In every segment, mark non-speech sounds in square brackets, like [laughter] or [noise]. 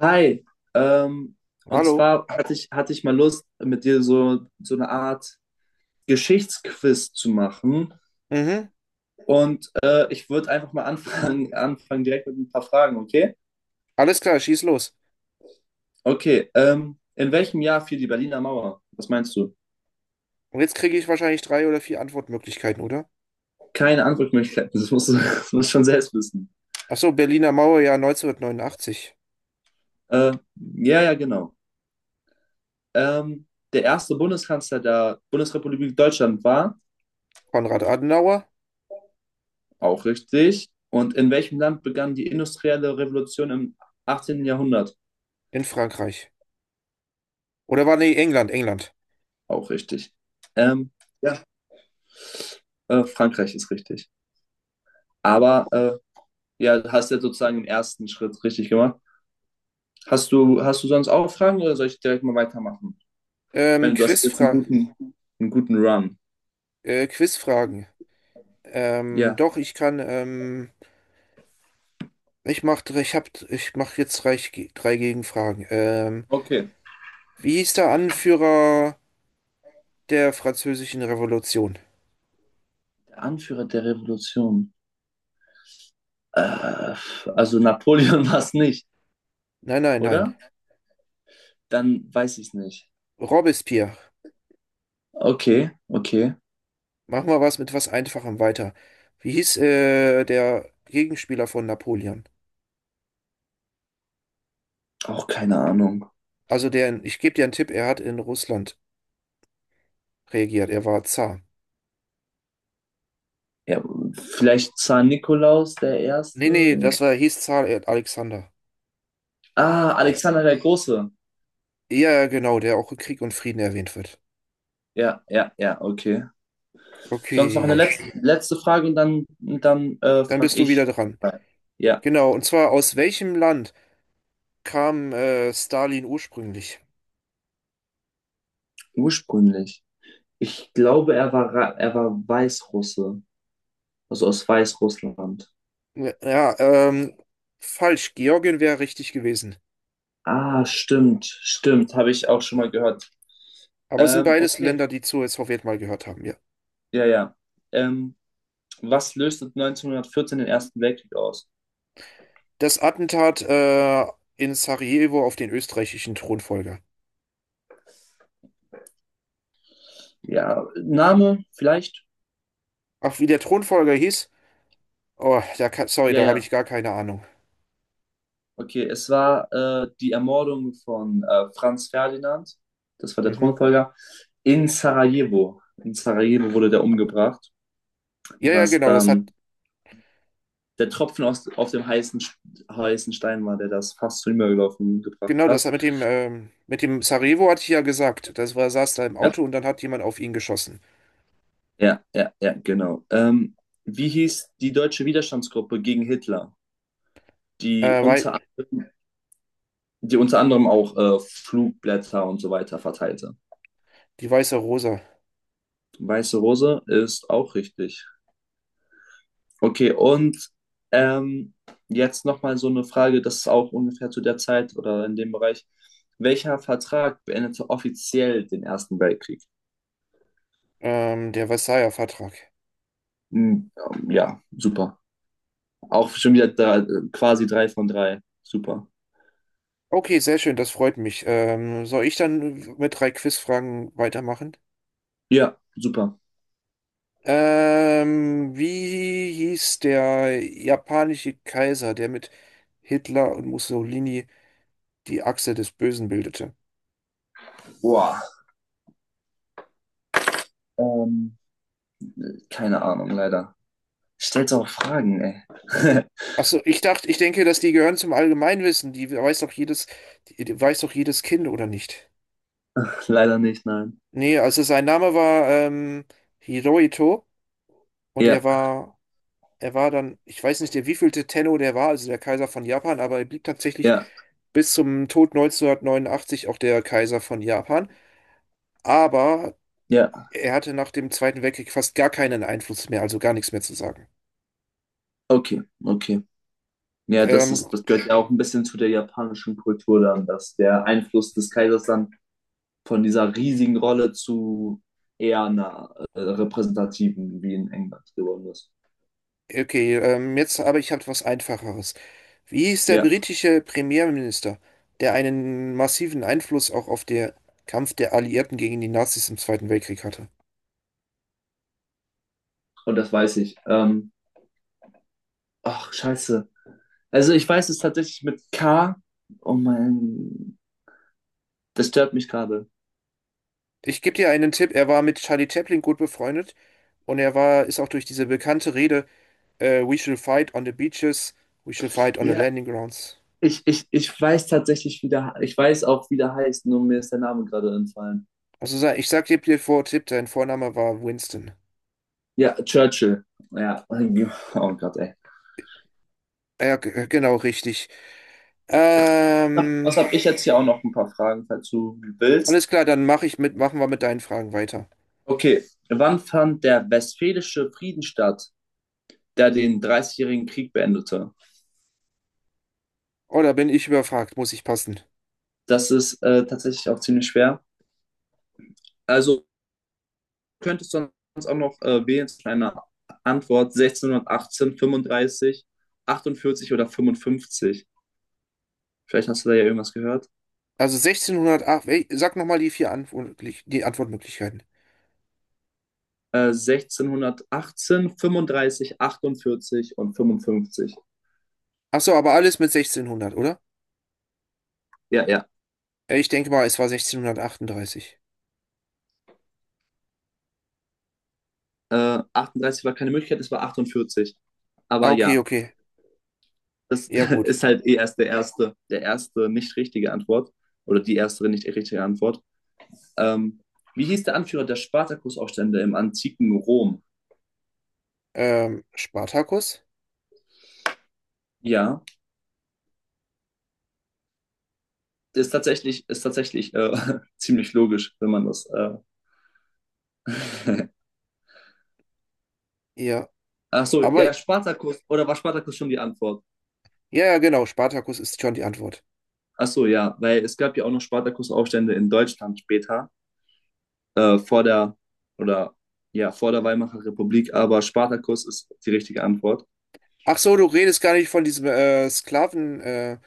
Hi, ähm, und Hallo? zwar hatte ich mal Lust, mit dir so, so eine Art Geschichtsquiz zu machen. Mhm. Und ich würde einfach mal anfangen, [laughs] anfangen direkt mit ein paar Fragen, okay? Alles klar, schieß los. Okay, in welchem Jahr fiel die Berliner Mauer? Was meinst du? Und jetzt kriege ich wahrscheinlich drei oder vier Antwortmöglichkeiten, oder? Keine Antwortmöglichkeiten, [laughs] das musst du, [laughs] das musst du schon selbst wissen. Ach so, Berliner Mauer, ja, 1989. Äh, ja, ja, genau. Ähm, der erste Bundeskanzler der Bundesrepublik Deutschland war, Konrad Adenauer auch richtig. Und in welchem Land begann die industrielle Revolution im 18. Jahrhundert? in Frankreich. Oder war, nee, England, England. Auch richtig. Ähm, ja, Frankreich ist richtig. Aber ja, du hast ja sozusagen im ersten Schritt richtig gemacht. Hast du sonst auch Fragen oder soll ich direkt mal weitermachen? Ich Ähm, meine, du hast jetzt Quizfra einen guten Run. Quizfragen. Ja. Doch, ich kann, ich mach, dr- ich hab, ich mach jetzt drei Gegenfragen. Ähm, Okay. wie hieß der Anführer der Französischen Revolution? Der Anführer der Revolution. Äh, also Napoleon [laughs] war es nicht, Nein, nein, nein. oder? Dann weiß ich es nicht. Robespierre. Okay, okay. Machen wir was mit was Einfachem weiter. Wie hieß der Gegenspieler von Napoleon? Auch keine Ahnung. Ich gebe dir einen Tipp, er hat in Russland regiert, er war Zar. Ja, vielleicht Zar Nikolaus der Nee, Erste. nee, hieß Zar Alexander. Ah, Ja, Alexander der Große. ja, genau, der auch in Krieg und Frieden erwähnt wird. Ja, ja, ja, okay. Sonst noch eine Okay, letzte, letzte Frage und dann, dann dann frage bist du wieder ich. dran. Ja, Genau, und zwar aus welchem Land kam Stalin ursprünglich? ursprünglich. Ich glaube, er war, er war Weißrusse, also aus Weißrussland. Ja, ja, falsch, Georgien wäre richtig gewesen. Ah, stimmt, stimmt, habe ich auch schon mal gehört. Aber es sind beides Okay, Länder, die zur Sowjet mal gehört haben, ja. ja, ja. Ähm, was löste 1914 den Ersten Weltkrieg aus? Das Attentat in Sarajevo auf den österreichischen Thronfolger. Ja, Name vielleicht? Ach, wie der Thronfolger hieß? Oh, sorry, Ja, da habe ich ja. gar keine Ahnung. Okay, es war die Ermordung von Franz Ferdinand, das war der Mhm. Thronfolger, in Sarajevo. In Sarajevo wurde der umgebracht, Ja, ja, was genau, dann der Tropfen aus, auf dem heißen, heißen Stein war, der das fast zum Überlaufen gebracht genau, das hat. hat mit dem Sarajevo hatte ich ja gesagt. Saß da im Ja, Auto und dann hat jemand auf ihn geschossen. ja, ja, ja, genau. Wie hieß die deutsche Widerstandsgruppe gegen Hitler, die Weil, unter, die unter anderem auch Flugblätter und so weiter verteilte? die Weiße Rosa. Weiße Rose ist auch richtig. Okay, und ähm, jetzt nochmal so eine Frage, das ist auch ungefähr zu der Zeit oder in dem Bereich. Welcher Vertrag beendete offiziell den Ersten Weltkrieg? Der Versailler Vertrag. Hm, ja, super. Auch schon wieder drei, quasi drei von drei. Super. Okay, sehr schön, das freut mich. Soll ich dann mit drei Quizfragen weitermachen? Ja, super. Wie hieß der japanische Kaiser, der mit Hitler und Mussolini die Achse des Bösen bildete? Boah. Ähm, keine Ahnung, leider. Stellt auch Fragen, ey. Achso, ich dachte, ich denke, dass die gehören zum Allgemeinwissen. Die weiß doch jedes Kind, oder nicht? [laughs] Leider nicht, nein. Nee, also sein Name war Hirohito und er Ja, war, er war dann, ich weiß nicht, der wievielte Tenno der war, also der Kaiser von Japan, aber er blieb tatsächlich ja, bis zum Tod 1989 auch der Kaiser von Japan. Aber ja. er hatte nach dem Zweiten Weltkrieg fast gar keinen Einfluss mehr, also gar nichts mehr zu sagen. Okay, okay. Ja, das Ähm, ist, das gehört ja auch ein bisschen zu der japanischen Kultur dann, dass der Einfluss des Kaisers dann von dieser riesigen Rolle zu eher einer repräsentativen wie in England geworden ist. okay, jetzt aber ich habe was Einfacheres. Wie hieß der Ja, britische Premierminister, der einen massiven Einfluss auch auf den Kampf der Alliierten gegen die Nazis im Zweiten Weltkrieg hatte? und das weiß ich. Ach, scheiße. Also ich weiß es tatsächlich mit K. Oh mein, das stört mich gerade. Ich gebe dir einen Tipp, er war mit Charlie Chaplin gut befreundet und ist auch durch diese bekannte Rede, We shall fight on the beaches, we shall fight on the Ja. landing grounds. Ich weiß tatsächlich, wie der, ich weiß auch, wie der heißt, nur mir ist der Name gerade entfallen. Also ich sag dir vor, Tipp, dein Vorname war Winston. Ja, Churchill. Ja, oh Gott, ey. Ja, genau, richtig. Was Ähm, habe ich jetzt hier auch noch ein paar Fragen, falls du willst. alles klar, dann mache ich mit, machen wir mit deinen Fragen weiter. Okay, wann fand der Westfälische Frieden statt, der den Dreißigjährigen Krieg beendete? Oh, da bin ich überfragt, muss ich passen. Das ist tatsächlich auch ziemlich schwer. Also könntest du sonst auch noch wählen zwischen einer Antwort 1618, 35, 48 oder 55. Vielleicht hast du da ja irgendwas gehört. Also 1608, ey, sag nochmal die Antwortmöglichkeiten. 1618, 35, 48 und 55. Ach so, aber alles mit 1600, oder? Ja, ja. Ich denke mal, es war 1638. 38 war keine Möglichkeit, es war 48. Ah, Aber okay, ja, okay. das Ja, [laughs] gut. ist halt eh erst der erste nicht richtige Antwort oder die erste nicht richtige Antwort. Ähm, wie hieß der Anführer der Spartakusaufstände im antiken Rom? Spartacus? Ja, das ist tatsächlich [laughs] ziemlich logisch, wenn man das. Ja, Ach so, aber, ja, Spartakus. Oder war Spartakus schon die Antwort? ja, ja, genau, Spartacus ist schon die Antwort. Ach so, ja, weil es gab ja auch noch Spartakusaufstände in Deutschland später, vor der, oder ja, vor der Weimarer Republik, aber Spartakus ist die richtige Antwort. Ach so, du redest gar nicht von diesem Sklaven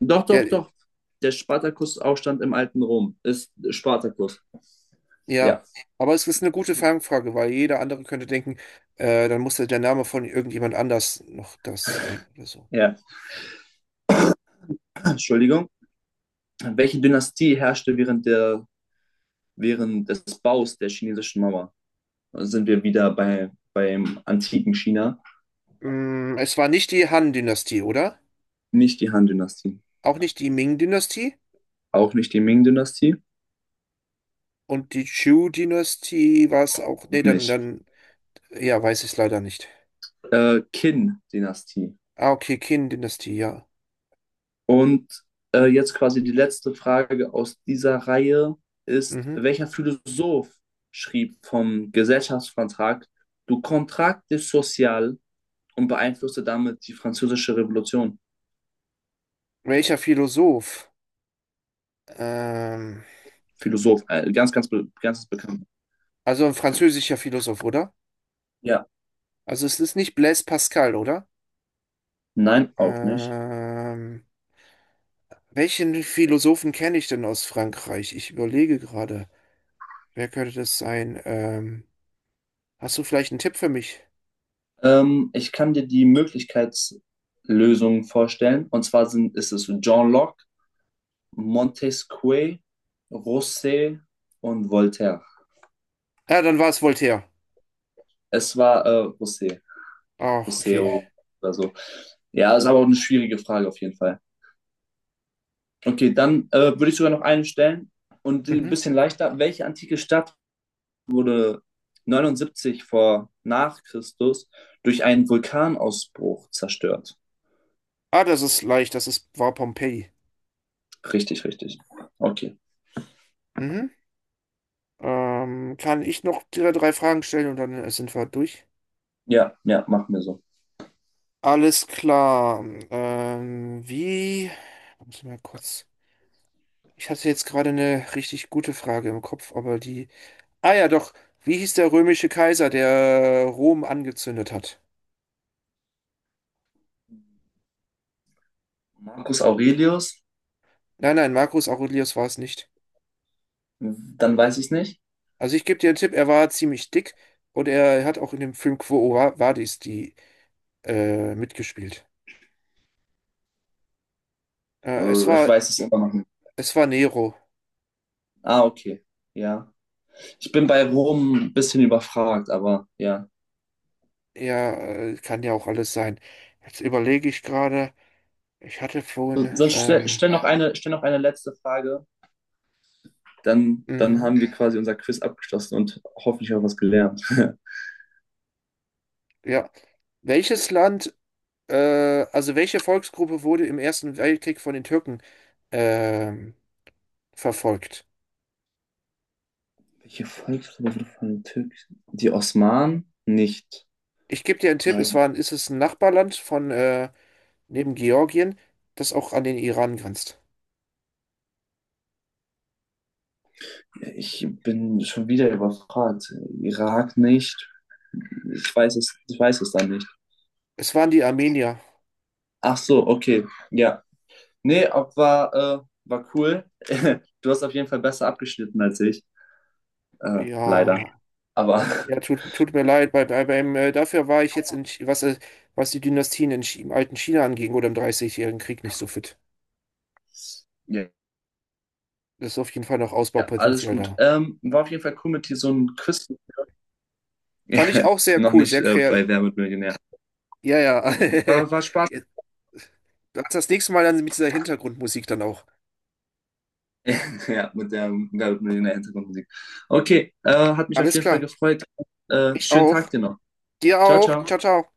Doch, doch, der, doch. Der Spartakusaufstand im alten Rom ist Spartakus. Ja, Ja, aber es ist eine gute Fangfrage, weil jeder andere könnte denken, dann musste der Name von irgendjemand anders noch das sein oder so. ja. [clears throat] Entschuldigung. Welche Dynastie herrschte während des Baus der chinesischen Mauer? Da sind wir wieder bei, beim antiken China. Es war nicht die Han-Dynastie, oder? Nicht die Han-Dynastie. Auch nicht die Ming-Dynastie? Auch nicht die Ming-Dynastie. Und die Chu-Dynastie war es auch. Auch Nee, dann, nicht. dann, ja, weiß ich es leider nicht. Qin-Dynastie. Ah, okay, Qin-Dynastie, ja. Und jetzt quasi die letzte Frage aus dieser Reihe ist, Mhm. welcher Philosoph schrieb vom Gesellschaftsvertrag Du Contrat Social und beeinflusste damit die französische Revolution? Welcher Philosoph? Ähm, Philosoph, ganz bekannt. also ein französischer Philosoph, oder? Ja, Also es ist nicht Blaise Pascal, oder? nein, auch nicht. Ähm, Welchen Philosophen kenne ich denn aus Frankreich? Ich überlege gerade, wer könnte das sein? Hast du vielleicht einen Tipp für mich? Ich kann dir die Möglichkeitslösungen vorstellen. Und zwar sind, ist es John Locke, Montesquieu, Rousseau und Voltaire. Ja, dann war es Voltaire. Es war Rousseau. Ach, okay. Museum oder so. Ja, ist aber auch eine schwierige Frage auf jeden Fall. Okay, dann würde ich sogar noch einen stellen und die ein Mhm. bisschen leichter. Welche antike Stadt wurde 79 vor nach Christus durch einen Vulkanausbruch zerstört? Ah, das ist leicht, war Pompeji. Richtig, richtig. Okay. Mhm. Kann ich noch drei Fragen stellen und dann sind wir durch? Ja, ja, machen wir so. Alles klar. Wie? Muss ich mal kurz. Ich hatte jetzt gerade eine richtig gute Frage im Kopf, aber die. Ah ja, doch. Wie hieß der römische Kaiser, der Rom angezündet hat? Marcus Aurelius, Nein, nein, Marcus Aurelius war es nicht. dann weiß ich es nicht. Also ich gebe dir einen Tipp, er war ziemlich dick und er hat auch in dem Film Quo Vadis die mitgespielt. Äh, es Ich war, weiß es immer noch nicht. es war Nero. Ah, okay. Ja. Ich bin bei Rom ein bisschen überfragt, aber ja. Er kann ja auch alles sein. Jetzt überlege ich gerade, ich hatte So, vorhin, sonst stell, stell noch eine letzte Frage. Dann, dann mhm, haben wir quasi unser Quiz abgeschlossen und hoffentlich auch was gelernt. [laughs] ja, welches Land, äh, also welche Volksgruppe wurde im Ersten Weltkrieg von den Türken ähm, verfolgt? Welche Volksgruppe wurde von den Türken? Die Osmanen? Nicht. Ich gebe dir einen Tipp, Nein. Ist es ein Nachbarland von neben Georgien, das auch an den Iran grenzt. Ich bin schon wieder überfragt. Irak nicht. Ich weiß es dann nicht. Es waren die Armenier. Ach so, okay. Ja. Nee, ob war, war cool. [laughs] Du hast auf jeden Fall besser abgeschnitten als ich. Leider. Ja, Aber ja, tut mir leid. Dafür war ich jetzt in, was die Dynastien in, im alten China anging oder im Dreißigjährigen Krieg nicht so fit. [laughs] ja. Das ist auf jeden Fall noch Ja, alles Ausbaupotenzial gut. da. War auf jeden Fall cool mit dir so ein Quiz. [laughs] Fand ich Ja, auch sehr noch cool, nicht sehr kreativ. bei Wer wird Millionär. Ja, ja. War, war [laughs] Spaß. Jetzt- Das nächste Mal dann mit dieser Hintergrundmusik dann auch. [laughs] Ja, mit der Wer wird Millionär Hintergrundmusik. Okay, hat mich auf Alles jeden Fall klar. gefreut. Mich Schönen auch. Tag dir noch. Dir Ciao, auch. Ciao, ciao. ciao.